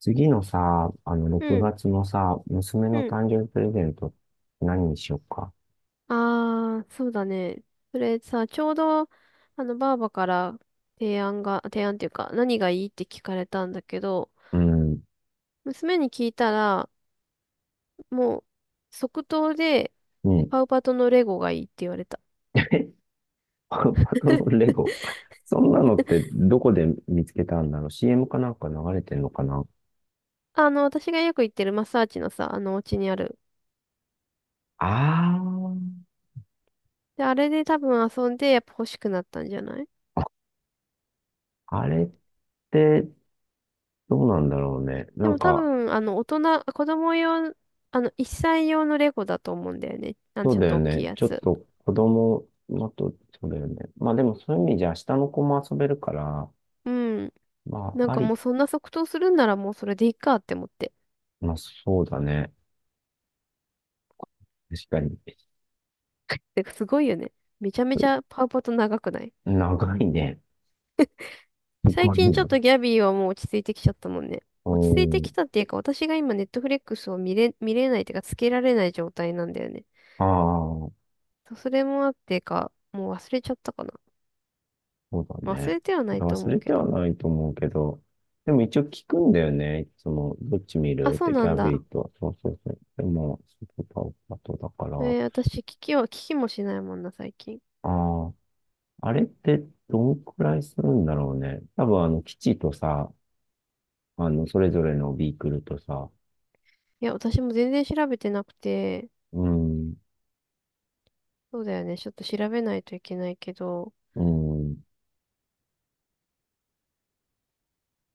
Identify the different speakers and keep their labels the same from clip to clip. Speaker 1: 次のさ、6
Speaker 2: うん、
Speaker 1: 月のさ、娘の
Speaker 2: うん。
Speaker 1: 誕生日プレゼント、何にしようか。
Speaker 2: ああ、そうだね。それさ、ちょうど、ばあばから提案っていうか、何がいいって聞かれたんだけど、
Speaker 1: うん、
Speaker 2: 娘に聞いたら、もう、即答で、
Speaker 1: うん。
Speaker 2: パウパトのレゴがいいって言われた。
Speaker 1: えパパとのレゴ。そんなのってどこで見つけたんだろう ?CM かなんか流れてんのかな？
Speaker 2: 私がよく行ってるマッサージのさ、お家にある。
Speaker 1: あ
Speaker 2: で、あれで多分遊んで、やっぱ欲しくなったんじゃない？
Speaker 1: あー、あれってどうなんだろうね。な
Speaker 2: で
Speaker 1: ん
Speaker 2: も多
Speaker 1: か、
Speaker 2: 分、子供用、1歳用のレゴだと思うんだよね。
Speaker 1: そう
Speaker 2: ちょっ
Speaker 1: だよ
Speaker 2: と大きい
Speaker 1: ね。
Speaker 2: や
Speaker 1: ちょっ
Speaker 2: つ。
Speaker 1: と子供のと、そうだよね。まあでもそういう意味じゃ下の子も遊べるから、
Speaker 2: うん。
Speaker 1: ま
Speaker 2: なん
Speaker 1: ああ
Speaker 2: かも
Speaker 1: り、
Speaker 2: うそんな即答するんならもうそれでいいかって思って。
Speaker 1: まあそうだね。確かに。
Speaker 2: てかすごいよね。めちゃめちゃパウパト長くない？
Speaker 1: 長いね。す
Speaker 2: 最
Speaker 1: ごい
Speaker 2: 近ちょ
Speaker 1: 長
Speaker 2: っ
Speaker 1: い。
Speaker 2: とギャビーはもう落ち着いてきちゃったもんね。
Speaker 1: う
Speaker 2: 落ち着いてき
Speaker 1: ん。
Speaker 2: たっていうか、私が今ネットフレックスを見れないっていうか、つけられない状態なんだよね。
Speaker 1: ああ、
Speaker 2: そうそれもあってか、もう忘れちゃったかな。
Speaker 1: そうだ
Speaker 2: まあ忘
Speaker 1: ね。
Speaker 2: れては
Speaker 1: い
Speaker 2: な
Speaker 1: や、
Speaker 2: いと
Speaker 1: 忘
Speaker 2: 思う
Speaker 1: れて
Speaker 2: け
Speaker 1: は
Speaker 2: ど。
Speaker 1: ないと思うけど、でも一応聞くんだよね。いつも、どっち見
Speaker 2: あ、
Speaker 1: るっ
Speaker 2: そう
Speaker 1: てギ
Speaker 2: なん
Speaker 1: ャビ
Speaker 2: だ。
Speaker 1: ーと。そうそうそう。でも、スーパーパトだから。
Speaker 2: 私、聞きもしないもんな、最近。い
Speaker 1: ああ、あれってどんくらいするんだろうね。多分、基地とさ、それぞれのビークルとさ、
Speaker 2: や、私も全然調べてなくて、
Speaker 1: うん、
Speaker 2: そうだよね。ちょっと調べないといけないけど。
Speaker 1: うん、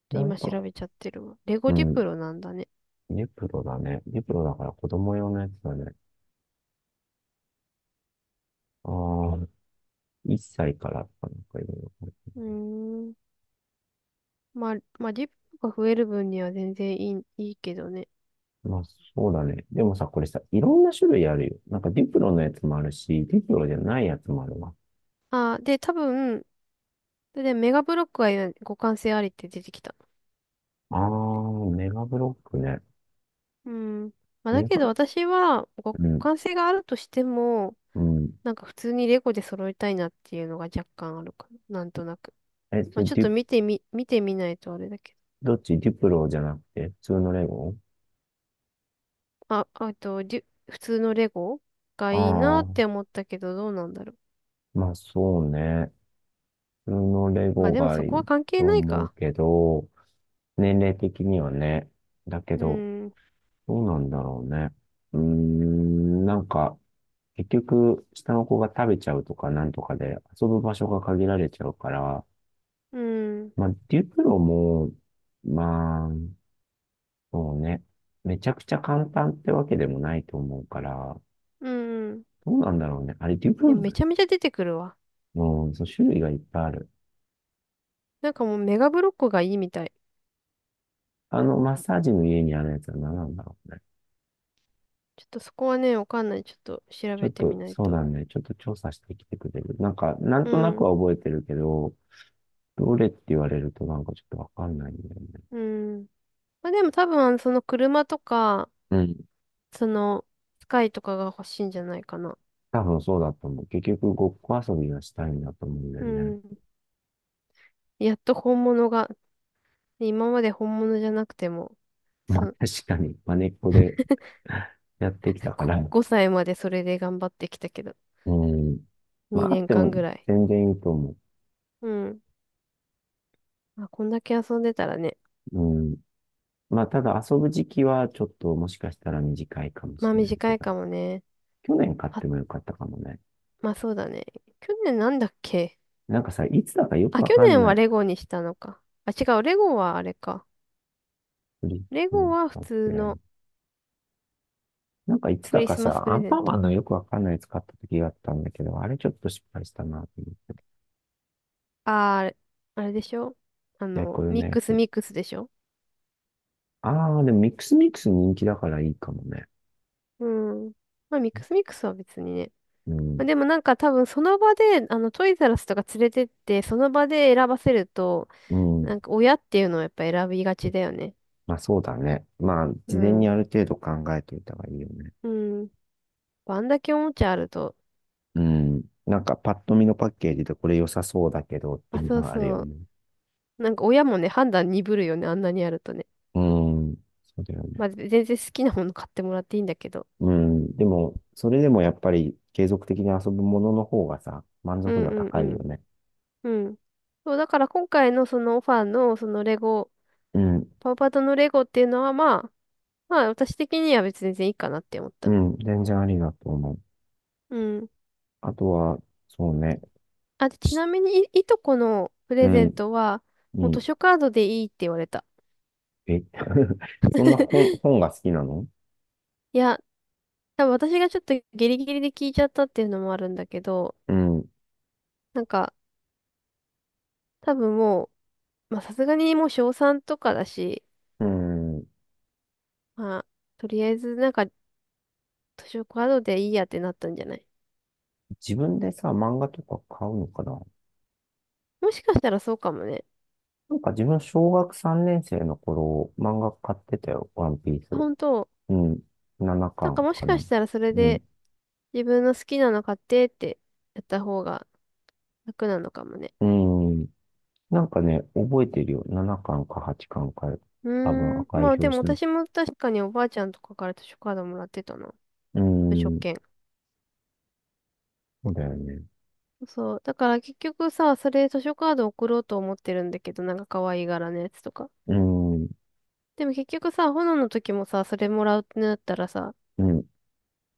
Speaker 2: と
Speaker 1: なん
Speaker 2: 今
Speaker 1: か、
Speaker 2: 調べちゃってるわ。レゴ
Speaker 1: う
Speaker 2: ディ
Speaker 1: ん、
Speaker 2: プロなんだね。
Speaker 1: ネプロだね。ネプロだから子供用のやつだね。ああ、1歳からとかなんかいろいろ。
Speaker 2: うーん。まあ、まあ、ディプロが増える分には全然いいけどね。
Speaker 1: まあ、そうだね。でもさ、これさ、いろんな種類あるよ。なんかディプロのやつもあるし、ディプロじゃないやつもあるわ。
Speaker 2: で、多分、で、メガブロックは互換性ありって出てきた。
Speaker 1: あー、メガブロックね。
Speaker 2: うん。まあ、だ
Speaker 1: メ
Speaker 2: け
Speaker 1: ガ、
Speaker 2: ど私は互
Speaker 1: うん、
Speaker 2: 換性があるとしても、
Speaker 1: うん。
Speaker 2: なんか普通にレゴで揃えたいなっていうのが若干あるかな。なんとなく。
Speaker 1: えっ
Speaker 2: まあ、ちょっ
Speaker 1: デ
Speaker 2: と
Speaker 1: ィ、
Speaker 2: 見てみないとあれだけど。
Speaker 1: どっちディプロじゃなくて、普通のレゴ？
Speaker 2: あ、あと、普通のレゴが
Speaker 1: あ
Speaker 2: いいなっ
Speaker 1: ー、
Speaker 2: て思ったけど、どうなんだろう。
Speaker 1: まあそうね。普通のレ
Speaker 2: まあ
Speaker 1: ゴ
Speaker 2: でも
Speaker 1: が
Speaker 2: そ
Speaker 1: い
Speaker 2: こは
Speaker 1: い
Speaker 2: 関係
Speaker 1: と
Speaker 2: ない
Speaker 1: 思う
Speaker 2: か。
Speaker 1: けど、年齢的にはね。だけ
Speaker 2: う
Speaker 1: ど、
Speaker 2: ん、
Speaker 1: どうなんだろうね。うーん、なんか、結局、下の子が食べちゃうとかなんとかで遊ぶ場所が限られちゃうから、
Speaker 2: うん、
Speaker 1: まあ、デュプロも、まあ、そうね、めちゃくちゃ簡単ってわけでもないと思うから、
Speaker 2: うん、うん。
Speaker 1: どうなんだろうね。あれ、デュプロ
Speaker 2: でもめちゃめちゃ出てくるわ。
Speaker 1: も、そう、種類がいっぱいある。
Speaker 2: なんかもうメガブロックがいいみたい。
Speaker 1: マッサージの家にあるやつは何なんだろうね。
Speaker 2: ちょっとそこはね、わかんない。ちょっと調
Speaker 1: ちょ
Speaker 2: べ
Speaker 1: っ
Speaker 2: て
Speaker 1: と、
Speaker 2: みない
Speaker 1: そう
Speaker 2: と。
Speaker 1: だね。ちょっと調査してきてくれる。なんか、なん
Speaker 2: う
Speaker 1: となくは
Speaker 2: ん、
Speaker 1: 覚えてるけど、どれって言われるとなんかちょっとわかんないんだよね。
Speaker 2: うん。まあでも多分、その車とか、
Speaker 1: うん。
Speaker 2: その、スカイとかが欲しいんじゃないかな。
Speaker 1: 多分そうだと思う。結局、ごっこ遊びがしたいんだと思うんだ
Speaker 2: う
Speaker 1: よね。
Speaker 2: ん。やっと本物が、今まで本物じゃなくても、
Speaker 1: ま
Speaker 2: そ
Speaker 1: あ
Speaker 2: う、
Speaker 1: 確かに、まねっこで やってきたか ら。
Speaker 2: 5歳までそれで頑張ってきたけど、
Speaker 1: うん。まああ
Speaker 2: 2
Speaker 1: って
Speaker 2: 年間
Speaker 1: も
Speaker 2: ぐらい。
Speaker 1: 全然いいと思
Speaker 2: うん。まあ、こんだけ遊んでたらね、
Speaker 1: う。うん。まあただ遊ぶ時期はちょっともしかしたら短いかも
Speaker 2: ま
Speaker 1: し
Speaker 2: あ
Speaker 1: れないけ
Speaker 2: 短い
Speaker 1: ど、
Speaker 2: かもね。
Speaker 1: 去年買ってもよかったかもね。
Speaker 2: まあそうだね。去年なんだっけ？
Speaker 1: なんかさ、いつだかよく
Speaker 2: あ、
Speaker 1: わ
Speaker 2: 去
Speaker 1: かん
Speaker 2: 年
Speaker 1: な
Speaker 2: は
Speaker 1: い。
Speaker 2: レゴにしたのか。あ、違う。レゴはあれか。
Speaker 1: クリ
Speaker 2: レ
Speaker 1: スマ
Speaker 2: ゴ
Speaker 1: ス
Speaker 2: は普
Speaker 1: だっ
Speaker 2: 通
Speaker 1: け。
Speaker 2: の
Speaker 1: なんかいつ
Speaker 2: ク
Speaker 1: だ
Speaker 2: リ
Speaker 1: か
Speaker 2: スマス
Speaker 1: さ、
Speaker 2: プ
Speaker 1: ア
Speaker 2: レ
Speaker 1: ン
Speaker 2: ゼ
Speaker 1: パ
Speaker 2: ン
Speaker 1: ン
Speaker 2: ト。
Speaker 1: マンのよくわかんないやつ買った時があったんだけど、あれちょっと失敗したなと思って。
Speaker 2: あー、あれあれでしょ？
Speaker 1: やいこよの
Speaker 2: ミッ
Speaker 1: や
Speaker 2: クス
Speaker 1: つ。
Speaker 2: ミックスでしょ？
Speaker 1: ああ、でもミックスミックス人気だからいいかもね。
Speaker 2: うん。まあミックスミックスは別にね。
Speaker 1: うん。
Speaker 2: まあ、でもなんか多分その場で、トイザらスとか連れてって、その場で選ばせると、
Speaker 1: う
Speaker 2: な
Speaker 1: ん。
Speaker 2: んか親っていうのはやっぱ選びがちだよね。
Speaker 1: まあそうだね。まあ、
Speaker 2: う
Speaker 1: 事前に
Speaker 2: ん。
Speaker 1: ある程度考えておいた方がいいよね。
Speaker 2: うん。まあんだけおもちゃあると。
Speaker 1: うん。なんかパッと見のパッケージでこれ良さそうだけどって
Speaker 2: あ、
Speaker 1: いう
Speaker 2: そ
Speaker 1: の
Speaker 2: う
Speaker 1: があるよ
Speaker 2: そ
Speaker 1: ね。
Speaker 2: う。なんか親もね、判断鈍るよね。あんなにあるとね。
Speaker 1: うん。そうだよね。
Speaker 2: まあ、全然好きなもの買ってもらっていいんだけど。
Speaker 1: うん。でも、それでもやっぱり継続的に遊ぶものの方がさ、満
Speaker 2: う
Speaker 1: 足度は
Speaker 2: んうんう
Speaker 1: 高いよ
Speaker 2: ん。
Speaker 1: ね。
Speaker 2: うん。そう、だから今回のそのオファーのそのレゴ、
Speaker 1: うん。
Speaker 2: パウパトのレゴっていうのはまあ、まあ私的には別に全然いいかなって思っ
Speaker 1: う
Speaker 2: た。
Speaker 1: ん。全然ありだと思う。
Speaker 2: うん。
Speaker 1: あとは、そうね、
Speaker 2: あ、でち
Speaker 1: し
Speaker 2: なみにいとこのプ
Speaker 1: う
Speaker 2: レゼン
Speaker 1: ん、
Speaker 2: トは、
Speaker 1: う
Speaker 2: もう図
Speaker 1: ん、
Speaker 2: 書カードでいいって言われた。
Speaker 1: え、そんな本、本が好きなの？
Speaker 2: いや、多分私がちょっとギリギリで聞いちゃったっていうのもあるんだけど、
Speaker 1: うん、
Speaker 2: なんか、多分もう、まあさすがにもう小3とかだし、
Speaker 1: うん。
Speaker 2: まあ、とりあえずなんか図書カードでいいやってなったんじゃない？
Speaker 1: 自分でさ、漫画とか買うのかな？
Speaker 2: もしかしたらそうかもね。
Speaker 1: なんか自分、小学3年生の頃、漫画買ってたよ、ワンピース。
Speaker 2: 本当、
Speaker 1: うん、7
Speaker 2: なん
Speaker 1: 巻
Speaker 2: か
Speaker 1: かん
Speaker 2: もし
Speaker 1: か
Speaker 2: か
Speaker 1: な。
Speaker 2: したらそれ
Speaker 1: うん、
Speaker 2: で自分の好きなの買ってってやった方が楽なのかもね。
Speaker 1: うん。なんかね、覚えてるよ。7巻か8巻かんか、
Speaker 2: う
Speaker 1: 多分
Speaker 2: ーん、
Speaker 1: 赤
Speaker 2: ま
Speaker 1: い
Speaker 2: あでも
Speaker 1: 表紙のや
Speaker 2: 私
Speaker 1: つ。
Speaker 2: も確かにおばあちゃんとかから図書カードもらってたな。
Speaker 1: う
Speaker 2: 図書
Speaker 1: ん、
Speaker 2: 券。
Speaker 1: そうだよね。
Speaker 2: そう。だから結局さ、それ図書カード送ろうと思ってるんだけど、なんか可愛い柄のやつとか。
Speaker 1: うん、
Speaker 2: でも結局さ、炎の時もさ、それもらうってなったらさ、
Speaker 1: うん、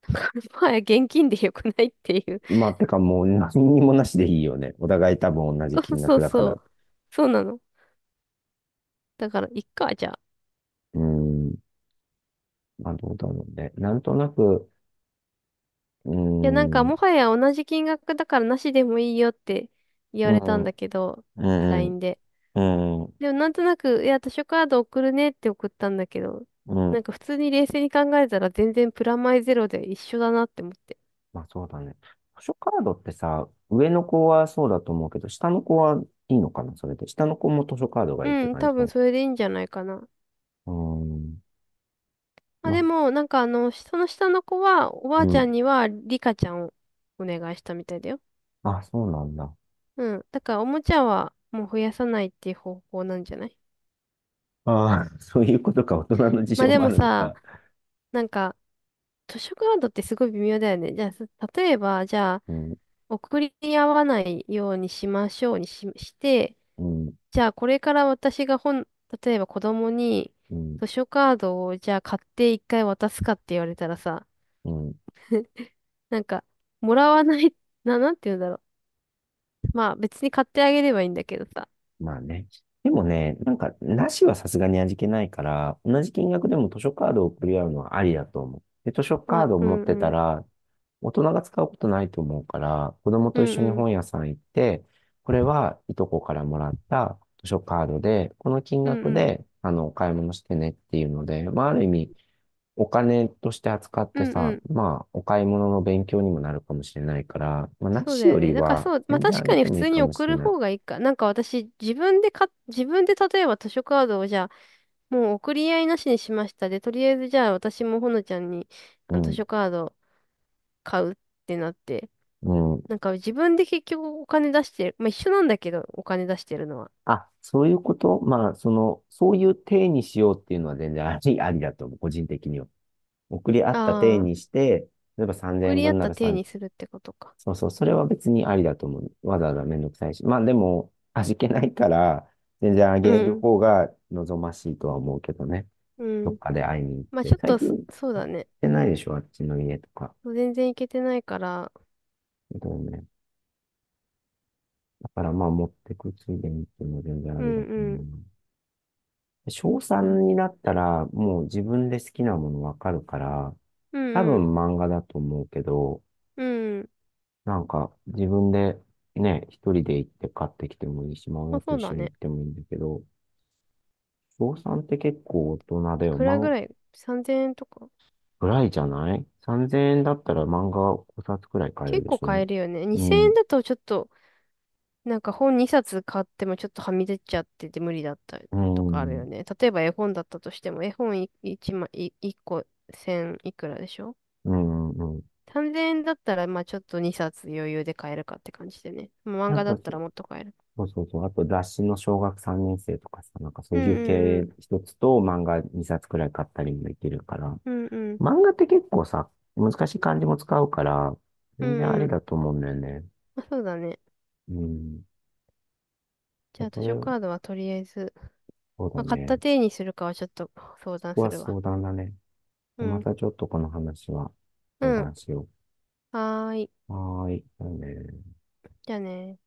Speaker 2: もはや現金でよくないっていう。
Speaker 1: まあ、てかもう何にもなしでいいよね。お互い多分同 じ
Speaker 2: そう
Speaker 1: 金
Speaker 2: そ
Speaker 1: 額
Speaker 2: う
Speaker 1: だか
Speaker 2: そ
Speaker 1: ら。
Speaker 2: う。そうなの。だから、いっか、じゃあ。
Speaker 1: うーん。まあ、どうだろうね。なんとなく、うー
Speaker 2: いや、なんか、
Speaker 1: ん、
Speaker 2: もはや同じ金額だからなしでもいいよって言わ
Speaker 1: う
Speaker 2: れた
Speaker 1: ん、
Speaker 2: んだけど、
Speaker 1: うん、
Speaker 2: LINE で。
Speaker 1: うん、う
Speaker 2: でも、なんとなく、いや、図書カード送るねって送ったんだけど、
Speaker 1: ん。
Speaker 2: なんか、普通に冷静に考えたら全然プラマイゼロで一緒だなって思って。
Speaker 1: まあ、そうだね。図書カードってさ、上の子はそうだと思うけど、下の子はいいのかな、それで。下の子も図書カードが
Speaker 2: う
Speaker 1: いいって
Speaker 2: ん、
Speaker 1: 感
Speaker 2: 多
Speaker 1: じ
Speaker 2: 分
Speaker 1: の。
Speaker 2: それでいいんじゃないかな。
Speaker 1: うーん。
Speaker 2: まあ、
Speaker 1: まあ、
Speaker 2: でも、なんかその下の子は、おば
Speaker 1: う
Speaker 2: あちゃ
Speaker 1: ん。
Speaker 2: んには、リカちゃんをお願いしたみたいだよ。
Speaker 1: あ、そうなんだ。
Speaker 2: うん。だから、おもちゃはもう増やさないっていう方法なんじゃない？
Speaker 1: ああ、そういうことか、大人の事
Speaker 2: まあ
Speaker 1: 情
Speaker 2: で
Speaker 1: もあ
Speaker 2: も
Speaker 1: るの
Speaker 2: さ、
Speaker 1: か。
Speaker 2: なんか、図書カードってすごい微妙だよね。じゃあ、例えば、じゃあ、
Speaker 1: うん、
Speaker 2: 送り合わないようにしましょうにして、
Speaker 1: うん、
Speaker 2: じゃあ、これから私が例えば子供に
Speaker 1: うん、
Speaker 2: 図書カードを、じゃあ、買って一回渡すかって言われたらさ、
Speaker 1: うん。
Speaker 2: なんか、もらわない、なんて言うんだろう。まあ、別に買ってあげればいいんだけどさ。
Speaker 1: まあね。でもね、なんか、なしはさすがに味気ないから、同じ金額でも図書カードを送り合うのはありだと思う。で、図書
Speaker 2: ま
Speaker 1: カー
Speaker 2: あ、
Speaker 1: ドを
Speaker 2: う
Speaker 1: 持っ
Speaker 2: ん
Speaker 1: てた
Speaker 2: うん。
Speaker 1: ら、大人が使うことないと思うから、子供
Speaker 2: う
Speaker 1: と
Speaker 2: ん
Speaker 1: 一緒に
Speaker 2: うん。
Speaker 1: 本屋さん行って、これはいとこからもらった図書カードで、この金
Speaker 2: うん
Speaker 1: 額
Speaker 2: うん。
Speaker 1: で、お買い物してねっていうので、まあ、ある意味、お金として扱っ
Speaker 2: う
Speaker 1: て
Speaker 2: んう
Speaker 1: さ、
Speaker 2: ん。
Speaker 1: まあ、お買い物の勉強にもなるかもしれないから、まあ、な
Speaker 2: そう
Speaker 1: し
Speaker 2: だよ
Speaker 1: より
Speaker 2: ね。だから
Speaker 1: は、
Speaker 2: そう、まあ
Speaker 1: 全然
Speaker 2: 確
Speaker 1: あげ
Speaker 2: かに
Speaker 1: て
Speaker 2: 普
Speaker 1: もい
Speaker 2: 通
Speaker 1: いか
Speaker 2: に
Speaker 1: も
Speaker 2: 送
Speaker 1: しれ
Speaker 2: る
Speaker 1: ない。
Speaker 2: 方がいいか。なんか私、自分で例えば図書カードをじゃあ、もう送り合いなしにしましたで、とりあえずじゃあ私もほのちゃんに
Speaker 1: う
Speaker 2: 図
Speaker 1: ん。
Speaker 2: 書カード買うってなって、
Speaker 1: う
Speaker 2: なんか自分で結局お金出してる、まあ一緒なんだけど、お金出してるのは。
Speaker 1: そういうことまあ、そういう体にしようっていうのは全然あり、ありだと思う、個人的には。送り合った体
Speaker 2: ああ、
Speaker 1: にして、例えば3 0
Speaker 2: 送り合っ
Speaker 1: 分な
Speaker 2: た
Speaker 1: ら
Speaker 2: 体
Speaker 1: 3、
Speaker 2: にするってことか。
Speaker 1: そうそう、それは別にありだと思う。わざわざめんどくさいし。まあでも、味気ないから、全然あ
Speaker 2: う
Speaker 1: げる
Speaker 2: ん、
Speaker 1: 方が望ましいとは思うけどね。
Speaker 2: う
Speaker 1: どっ
Speaker 2: ん。
Speaker 1: かで会いに行っ
Speaker 2: まあち
Speaker 1: て。
Speaker 2: ょっ
Speaker 1: 最
Speaker 2: と
Speaker 1: 近行
Speaker 2: そう
Speaker 1: っ
Speaker 2: だね。
Speaker 1: てないでしょ、あっちの家とか。
Speaker 2: 全然いけてないから、
Speaker 1: だよね。だからまあ持ってくついでにっていうのは全然あ
Speaker 2: う
Speaker 1: りだ
Speaker 2: ん
Speaker 1: と思
Speaker 2: うん。
Speaker 1: うな。小
Speaker 2: まあ、
Speaker 1: 3になったら、もう自分で好きなものわかるから、
Speaker 2: う
Speaker 1: 多
Speaker 2: んうん、
Speaker 1: 分漫画だと思うけど、
Speaker 2: うん。
Speaker 1: なんか自分でね、一人で行って買ってきてもいいし、まあ
Speaker 2: ま
Speaker 1: 親
Speaker 2: あ
Speaker 1: と
Speaker 2: そう
Speaker 1: 一
Speaker 2: だ
Speaker 1: 緒に行
Speaker 2: ね。
Speaker 1: ってもいいんだけど、小3って結構大人だ
Speaker 2: い
Speaker 1: よ。
Speaker 2: くら
Speaker 1: 漫
Speaker 2: ぐ
Speaker 1: 画、
Speaker 2: らい ?3000 円とか
Speaker 1: ぐらいじゃない ?3000 円だったら漫画5冊くらい買える
Speaker 2: 結
Speaker 1: でし
Speaker 2: 構
Speaker 1: ょ？
Speaker 2: 買えるよね。
Speaker 1: う
Speaker 2: 2000
Speaker 1: ん、う
Speaker 2: 円だとちょっと、なんか本2冊買ってもちょっとはみ出ちゃってて無理だったとかあるよ
Speaker 1: ん、
Speaker 2: ね。例えば絵本だったとしても、絵本1枚、1個1000いくらでしょ
Speaker 1: うん、うん。
Speaker 2: ?3000 円だったら、まあちょっと2冊余裕で買えるかって感じでね。もう漫
Speaker 1: なん
Speaker 2: 画だ
Speaker 1: か、
Speaker 2: ったらもっと買える。
Speaker 1: そうそうそう。あと雑誌の小学3年生とかさ、なんかそ
Speaker 2: う
Speaker 1: う
Speaker 2: ん
Speaker 1: いう
Speaker 2: うんう
Speaker 1: 系
Speaker 2: ん。
Speaker 1: 一つと漫画2冊くらい買ったりもできるから、
Speaker 2: うんうん。
Speaker 1: 漫画って結構さ、難しい漢字も使うから、
Speaker 2: う
Speaker 1: 全然あ
Speaker 2: んう
Speaker 1: り
Speaker 2: ん。
Speaker 1: だと思うんだよね。
Speaker 2: まあ、そうだね。
Speaker 1: うん。
Speaker 2: じゃあ図
Speaker 1: これ、
Speaker 2: 書カードはとりあえず、
Speaker 1: そう
Speaker 2: ま
Speaker 1: だ
Speaker 2: あ買った
Speaker 1: ね。
Speaker 2: 手にするかはちょっと相
Speaker 1: そ
Speaker 2: 談
Speaker 1: こ
Speaker 2: す
Speaker 1: は
Speaker 2: るわ。
Speaker 1: 相談だね。
Speaker 2: う
Speaker 1: ま
Speaker 2: ん。
Speaker 1: たちょっとこの話は相
Speaker 2: うん。
Speaker 1: 談しよ
Speaker 2: はーい。
Speaker 1: う。はーい。じゃあね。
Speaker 2: じゃあね。